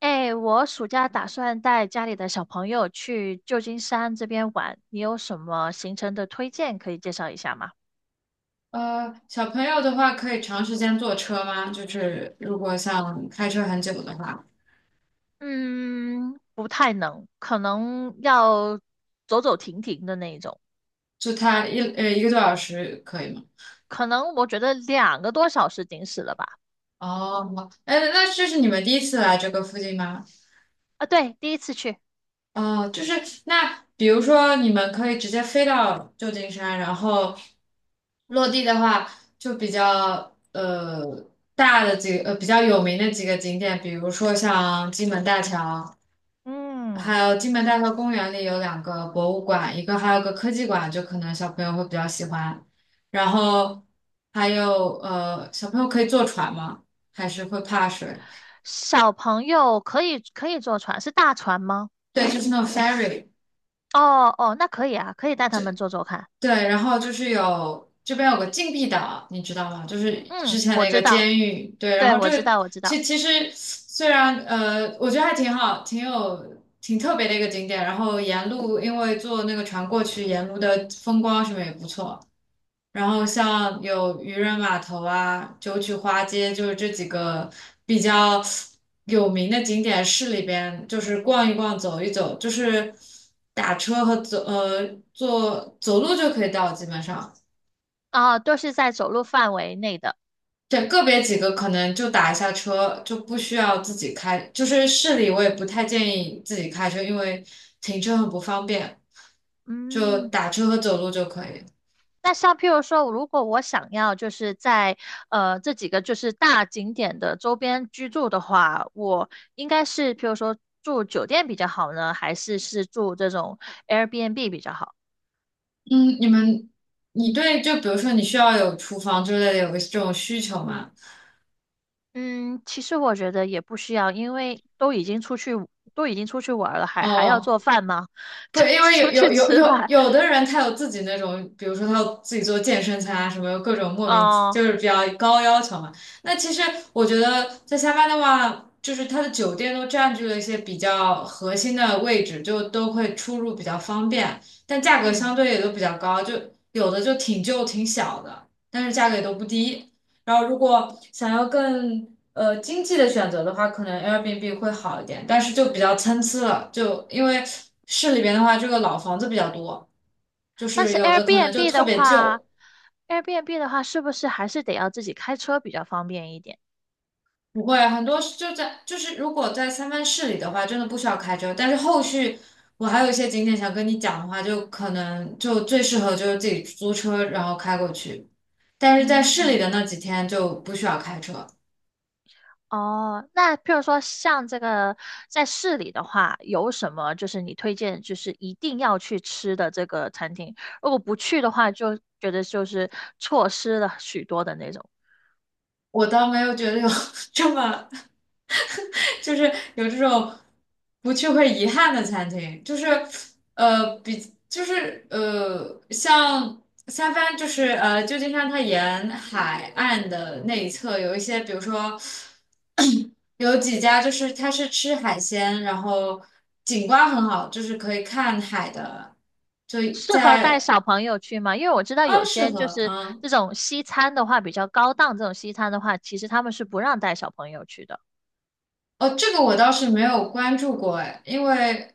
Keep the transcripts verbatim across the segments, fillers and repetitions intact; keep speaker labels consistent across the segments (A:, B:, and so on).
A: 哎，我暑假打算带家里的小朋友去旧金山这边玩，你有什么行程的推荐可以介绍一下吗？
B: 呃，小朋友的话可以长时间坐车吗？就是如果像开车很久的话，
A: 嗯，不太能，可能要走走停停的那一种，
B: 就他一呃一个多小时可以吗？
A: 可能我觉得两个多小时顶死了吧。
B: 哦，哎，那这是你们第一次来这个附近吗？
A: 啊，对，第一次去。
B: 哦，就是那比如说你们可以直接飞到旧金山，然后落地的话就比较呃大的几个呃比较有名的几个景点，比如说像金门大桥。还
A: 嗯，
B: 有金门大桥公园里有两个博物馆，一个还有个科技馆，就可能小朋友会比较喜欢。然后还有呃，小朋友可以坐船吗？还是会怕水？
A: 小朋友可以可以坐船，是大船吗？
B: 对，就是那种 ferry。
A: 哦哦，那可以啊，可以带他
B: 这
A: 们坐坐看。
B: 对，然后就是有这边有个禁闭岛，你知道吗？就是之
A: 嗯，
B: 前
A: 我
B: 那
A: 知
B: 个
A: 道，
B: 监狱。对，然
A: 对，
B: 后
A: 我
B: 这
A: 知
B: 个
A: 道，我知
B: 其
A: 道。
B: 其实虽然呃，我觉得还挺好，挺有挺特别的一个景点。然后沿路因为坐那个船过去，沿路的风光什么也不错。然后像有渔人码头啊、九曲花街，就是这几个比较有名的景点，市里边就是逛一逛、走一走，就是打车和走呃坐走路就可以到，基本上。
A: 啊，都是在走路范围内的。
B: 对，个别几个可能就打一下车，就不需要自己开。就是市里我也不太建议自己开车，因为停车很不方便，就
A: 嗯，
B: 打车和走路就可以。
A: 那像譬如说，如果我想要就是在呃这几个就是大景点的周边居住的话，我应该是譬如说住酒店比较好呢，还是是住这种 Airbnb 比较好？
B: 嗯，你们，你对，就比如说你需要有厨房之类的，有个这种需求吗？
A: 嗯，其实我觉得也不需要，因为都已经出去都已经出去玩儿了，还还要
B: 哦，
A: 做饭吗？
B: 不，
A: 就
B: 因
A: 出
B: 为
A: 去
B: 有有有
A: 吃
B: 有
A: 吧。
B: 有的人他有自己那种，比如说他有自己做健身餐啊，什么各种莫名
A: 哦，
B: 就是比较高要求嘛。那其实我觉得在塞班的话，就是它的酒店都占据了一些比较核心的位置，就都会出入比较方便，但价格
A: 嗯，
B: 相对也都比较高，就有的就挺旧挺小的，但是价格也都不低。然后如果想要更呃经济的选择的话，可能 Airbnb 会好一点，但是就比较参差了，就因为市里边的话，这个老房子比较多，就
A: 但
B: 是
A: 是
B: 有的可能就
A: Airbnb
B: 特
A: 的
B: 别
A: 话
B: 旧，
A: ，Airbnb 的话是不是还是得要自己开车比较方便一点？
B: 不会很多是就在就是如果在三藩市里的话，真的不需要开车，但是后续。我还有一些景点想跟你讲的话，就可能就最适合就是自己租车然后开过去，但是在市里的
A: 嗯，
B: 那几天就不需要开车。
A: 哦，那譬如说像这个在市里的话，有什么就是你推荐就是一定要去吃的这个餐厅？如果不去的话，就觉得就是错失了许多的那种。
B: 我倒没有觉得有 这么就是有这种不去会遗憾的餐厅，就是呃比就是呃像三藩就是呃旧金山它沿海岸的那一侧有一些，比如说有几家就是它是吃海鲜，然后景观很好，就是可以看海的，就
A: 适合带
B: 在
A: 小朋友去吗？因为我知道
B: 啊
A: 有
B: 适
A: 些就
B: 合
A: 是
B: 嗯。
A: 这种西餐的话，比较高档这种西餐的话，其实他们是不让带小朋友去的。
B: 哦，这个我倒是没有关注过哎，因为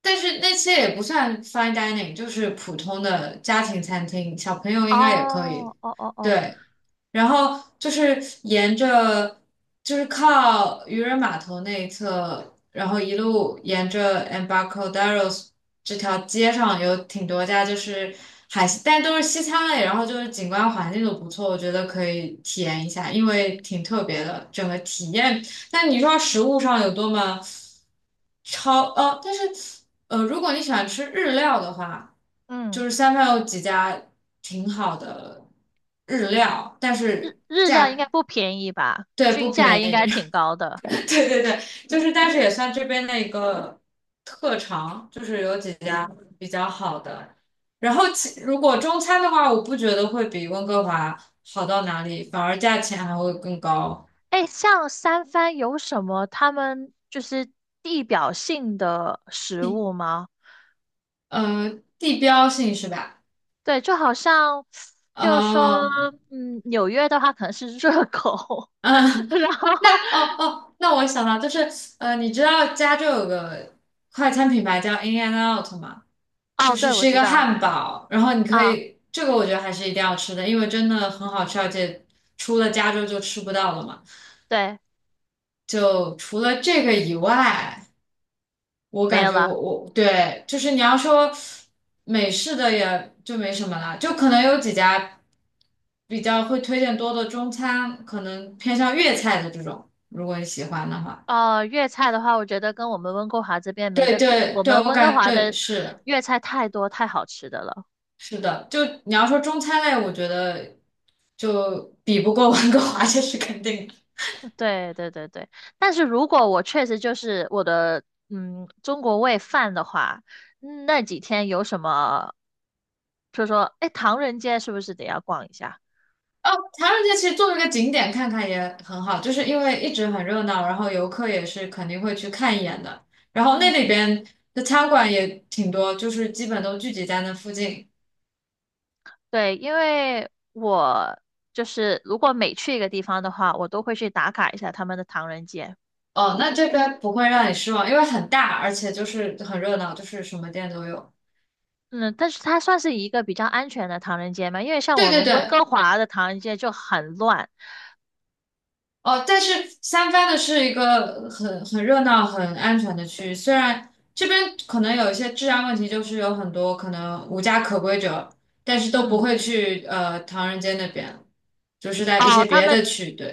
B: 但是那些也不算 fine dining，就是普通的家庭餐厅，小朋友应该也可以。
A: 哦，哦哦哦，
B: 对，然后就是沿着就是靠渔人码头那一侧，然后一路沿着 e m b a r k o d e r o s 这条街上有挺多家就是海西，但都是西餐类，然后就是景观环境都不错，我觉得可以体验一下，因为挺特别的，整个体验。但你说食物上有多么超呃，但是呃，如果你喜欢吃日料的话，就
A: 嗯，
B: 是三藩有几家挺好的日料，但
A: 日
B: 是
A: 日
B: 价
A: 料应该
B: 格
A: 不便宜吧？
B: 对不
A: 均
B: 便
A: 价应该
B: 宜，
A: 挺高的。
B: 对对对，就是但是也算这边的一个特长，就是有几家比较好的。然后其如果中餐的话，我不觉得会比温哥华好到哪里，反而价钱还会更高，
A: 哎，像三藩有什么他们就是地表性的食物
B: 地
A: 吗？
B: 呃地标性是吧？
A: 对，就好像，就说，
B: 哦，
A: 嗯，纽约的话可能是热狗，
B: 嗯，
A: 然
B: 那
A: 后，
B: 哦哦，那我想到就是，呃，你知道加州有个快餐品牌叫 In and Out 吗？
A: 哦，
B: 就是
A: 对，我
B: 是一
A: 知
B: 个
A: 道，
B: 汉堡，然后你可
A: 啊，
B: 以，这个我觉得还是一定要吃的，因为真的很好吃，而且除了加州就吃不到了嘛。
A: 对，
B: 就除了这个以外，我
A: 没
B: 感
A: 有
B: 觉
A: 了。
B: 我我对，就是你要说美式的也就没什么了，就可能有几家。比较会推荐多的中餐，可能偏向粤菜的这种，如果你喜欢的话。
A: 哦，粤菜的话，我觉得跟我们温哥华这边没
B: 对
A: 得比，
B: 对
A: 我
B: 对，
A: 们
B: 我
A: 温哥
B: 感
A: 华
B: 对
A: 的
B: 是
A: 粤菜太多太好吃的了。
B: 是的，就你要说中餐类，我觉得就比不过温哥华，这是肯定的。
A: 对对对对，但是如果我确实就是我的嗯中国胃犯的话，嗯那几天有什么，就说哎唐人街是不是得要逛一下？
B: 唐人街其实作为一个景点看看也很好，就是因为一直很热闹，然后游客也是肯定会去看一眼的。然后那里
A: 嗯，
B: 边的餐馆也挺多，就是基本都聚集在那附近。
A: 对，因为我就是如果每去一个地方的话，我都会去打卡一下他们的唐人街。
B: 哦，那这边不会让你失望，因为很大，而且就是很热闹，就是什么店都有。
A: 嗯，但是它算是一个比较安全的唐人街嘛，因为像
B: 对
A: 我
B: 对
A: 们温哥
B: 对，
A: 华的唐人街就很乱。
B: 哦，但是三藩的是一个很很热闹、很安全的区域，虽然这边可能有一些治安问题，就是有很多可能无家可归者，但是都不
A: 嗯，
B: 会去呃唐人街那边，就是在一些
A: 哦，他
B: 别
A: 们
B: 的区，对，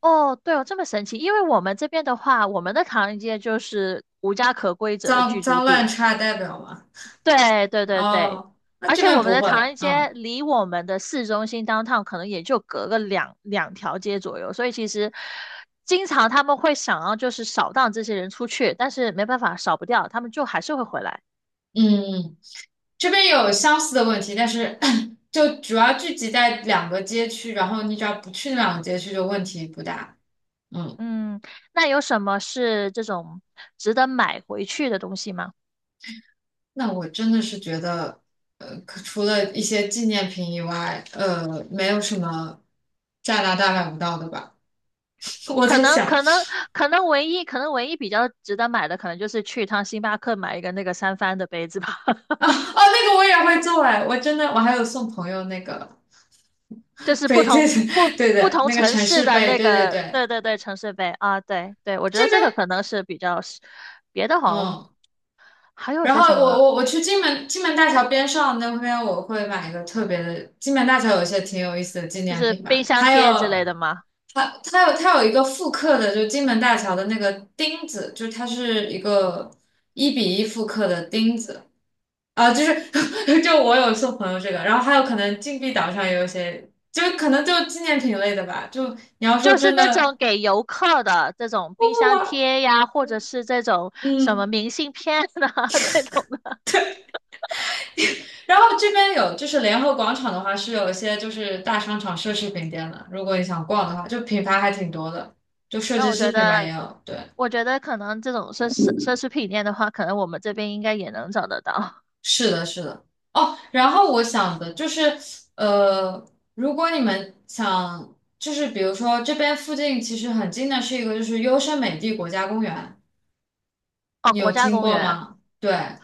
A: 哦，对哦，这么神奇！因为我们这边的话，我们的唐人街就是无家可归者的
B: 脏
A: 居住
B: 脏乱
A: 地。
B: 差代表嘛。
A: 对对对对，
B: 哦，那
A: 而
B: 这
A: 且
B: 边
A: 我们
B: 不
A: 的
B: 会，
A: 唐人街
B: 嗯。
A: 离我们的市中心 downtown 可能也就隔个两两条街左右，所以其实经常他们会想要就是扫荡这些人出去，但是没办法扫不掉，他们就还是会回来。
B: 嗯，这边有相似的问题，但是 就主要聚集在两个街区，然后你只要不去那两个街区，就问题不大。嗯，
A: 嗯，那有什么是这种值得买回去的东西吗？
B: 那我真的是觉得，呃，可除了一些纪念品以外，呃，没有什么加拿大买不到的吧？我
A: 可
B: 在
A: 能
B: 想
A: 可能可能唯一可能唯一比较值得买的，可能就是去一趟星巴克买一个那个三番的杯子吧，
B: 啊，哦，那个我也会做哎，我真的我还有送朋友那个
A: 就 是不
B: 背对
A: 同不
B: 对对
A: 不
B: 对，
A: 同
B: 那个
A: 城
B: 城
A: 市
B: 市
A: 的
B: 背，
A: 那
B: 对对
A: 个，
B: 对，
A: 对对对，城市杯啊，对对，我觉得
B: 这
A: 这个
B: 边。
A: 可能是比较实，别的好像
B: 嗯，
A: 还有
B: 然
A: 些
B: 后
A: 什
B: 我
A: 么，
B: 我我去金门金门大桥边上那边，我会买一个特别的。金门大桥有一些挺有意思的纪
A: 就
B: 念
A: 是
B: 品
A: 冰
B: 吧，
A: 箱
B: 还
A: 贴之
B: 有
A: 类的吗？
B: 它它有它有一个复刻的，就金门大桥的那个钉子，就它是一个一比一复刻的钉子啊，就是 就我有送朋友这个，然后还有可能禁闭岛上也有一些，就可能就纪念品类的吧。就你要说
A: 就是
B: 真
A: 那种
B: 的，
A: 给游客的这种
B: 不
A: 冰
B: 不
A: 箱
B: 不，
A: 贴呀，或者是这种什么
B: 嗯。
A: 明信片啊 这种的，
B: 然后这边有就是联合广场的话是有一些就是大商场奢侈品店的，如果你想逛的话，就品牌还挺多的，就设
A: 那
B: 计
A: 我觉
B: 师品牌也
A: 得。
B: 有。对，
A: 我觉得可能这种奢侈奢侈品店的话，可能我们这边应该也能找得到。
B: 是的，是的。哦，然后我想的就是，呃，如果你们想，就是比如说这边附近其实很近的是一个就是优胜美地国家公园，
A: 哦，
B: 你
A: 国
B: 有
A: 家
B: 听
A: 公
B: 过
A: 园
B: 吗？对，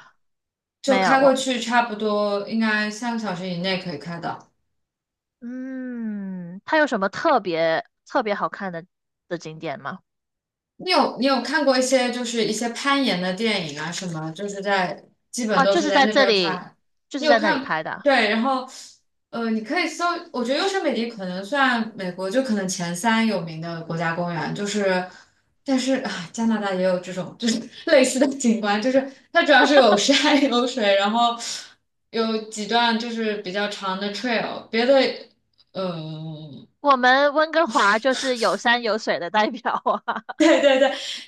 B: 就
A: 没有
B: 开过
A: 我，
B: 去差不多应该三个小时以内可以开到。
A: 嗯，它有什么特别特别好看的的景点吗？
B: 你有你有看过一些就是一些攀岩的电影啊什么，就是在基本
A: 哦，
B: 都
A: 就
B: 是
A: 是
B: 在
A: 在
B: 那
A: 这
B: 边
A: 里，
B: 拍。
A: 就
B: 你
A: 是
B: 有
A: 在那里
B: 看，
A: 拍的。
B: 对，然后呃，你可以搜，我觉得优胜美地可能算美国就可能前三有名的国家公园，就是但是啊，加拿大也有这种就是 类似的景观，就是它主要是有山 有水，然后有几段就是比较长的 trail，别的嗯。呃
A: 我们温哥华就是有山有水的代表啊。
B: 对，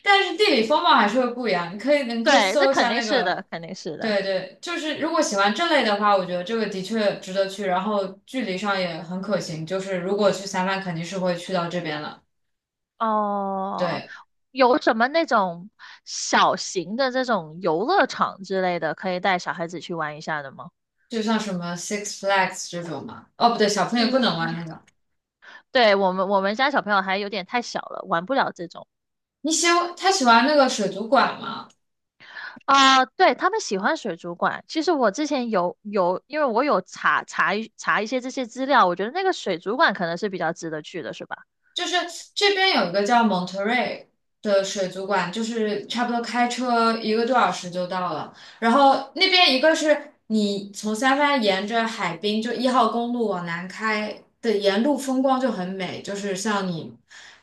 B: 但是地理风貌还是会不一样。你可以，你可以
A: 对，这
B: 搜一
A: 肯
B: 下
A: 定
B: 那
A: 是的，
B: 个，
A: 肯定是的。
B: 对对，就是如果喜欢这类的话，我觉得这个的确值得去，然后距离上也很可行。就是如果去三亚，肯定是会去到这边了。
A: 哦，
B: 对，
A: 有什么那种小型的这种游乐场之类的，可以带小孩子去玩一下的吗？
B: 就像什么 Six Flags 这种嘛，哦，不对，小朋友不
A: 嗯。
B: 能玩那个。
A: 对我们我们家小朋友还有点太小了，玩不了这种
B: 你喜欢他喜欢那个水族馆吗？
A: 啊、对他们喜欢水族馆，其实我之前有有，因为我有查查一查一些这些资料，我觉得那个水族馆可能是比较值得去的，是吧？
B: 就是这边有一个叫蒙特瑞的水族馆，就是差不多开车一个多小时就到了。然后那边一个是你从三藩沿着海滨，就一号公路往南开的沿路风光就很美，就是像你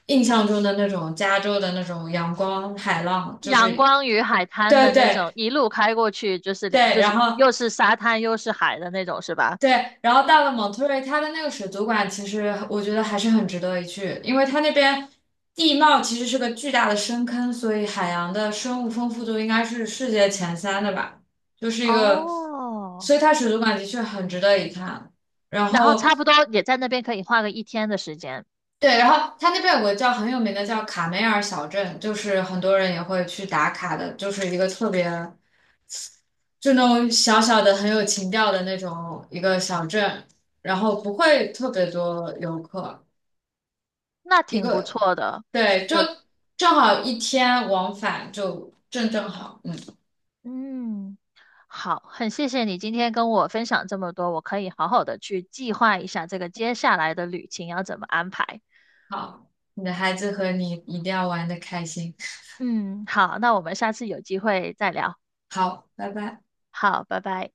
B: 印象中的那种加州的那种阳光海浪，就是
A: 阳光与海滩的
B: 对
A: 那
B: 对
A: 种，一路开过去就是两，
B: 对。
A: 就是
B: 然后
A: 又是沙滩又是海的那种，是吧？
B: 对，然后到了蒙特瑞，它的那个水族馆其实我觉得还是很值得一去，因为它那边地貌其实是个巨大的深坑，所以海洋的生物丰富度应该是世界前三的吧，就是一个，
A: 哦，
B: 所以它水族馆的确很值得一看。然
A: 然后
B: 后
A: 差不多也在那边可以花个一天的时间，
B: 对，然后它那边有个叫很有名的叫卡梅尔小镇，就是很多人也会去打卡的，就是一个特别。就那种小小的很有情调的那种一个小镇，然后不会特别多游客，
A: 那
B: 一
A: 挺不
B: 个，
A: 错的。
B: 对，就正好一天往返就正正好，嗯，
A: 嗯，好，很谢谢你今天跟我分享这么多，我可以好好的去计划一下这个接下来的旅行要怎么安排。
B: 好，你的孩子和你一定要玩的开心，
A: 嗯，好，那我们下次有机会再聊。
B: 好，拜拜。
A: 好，拜拜。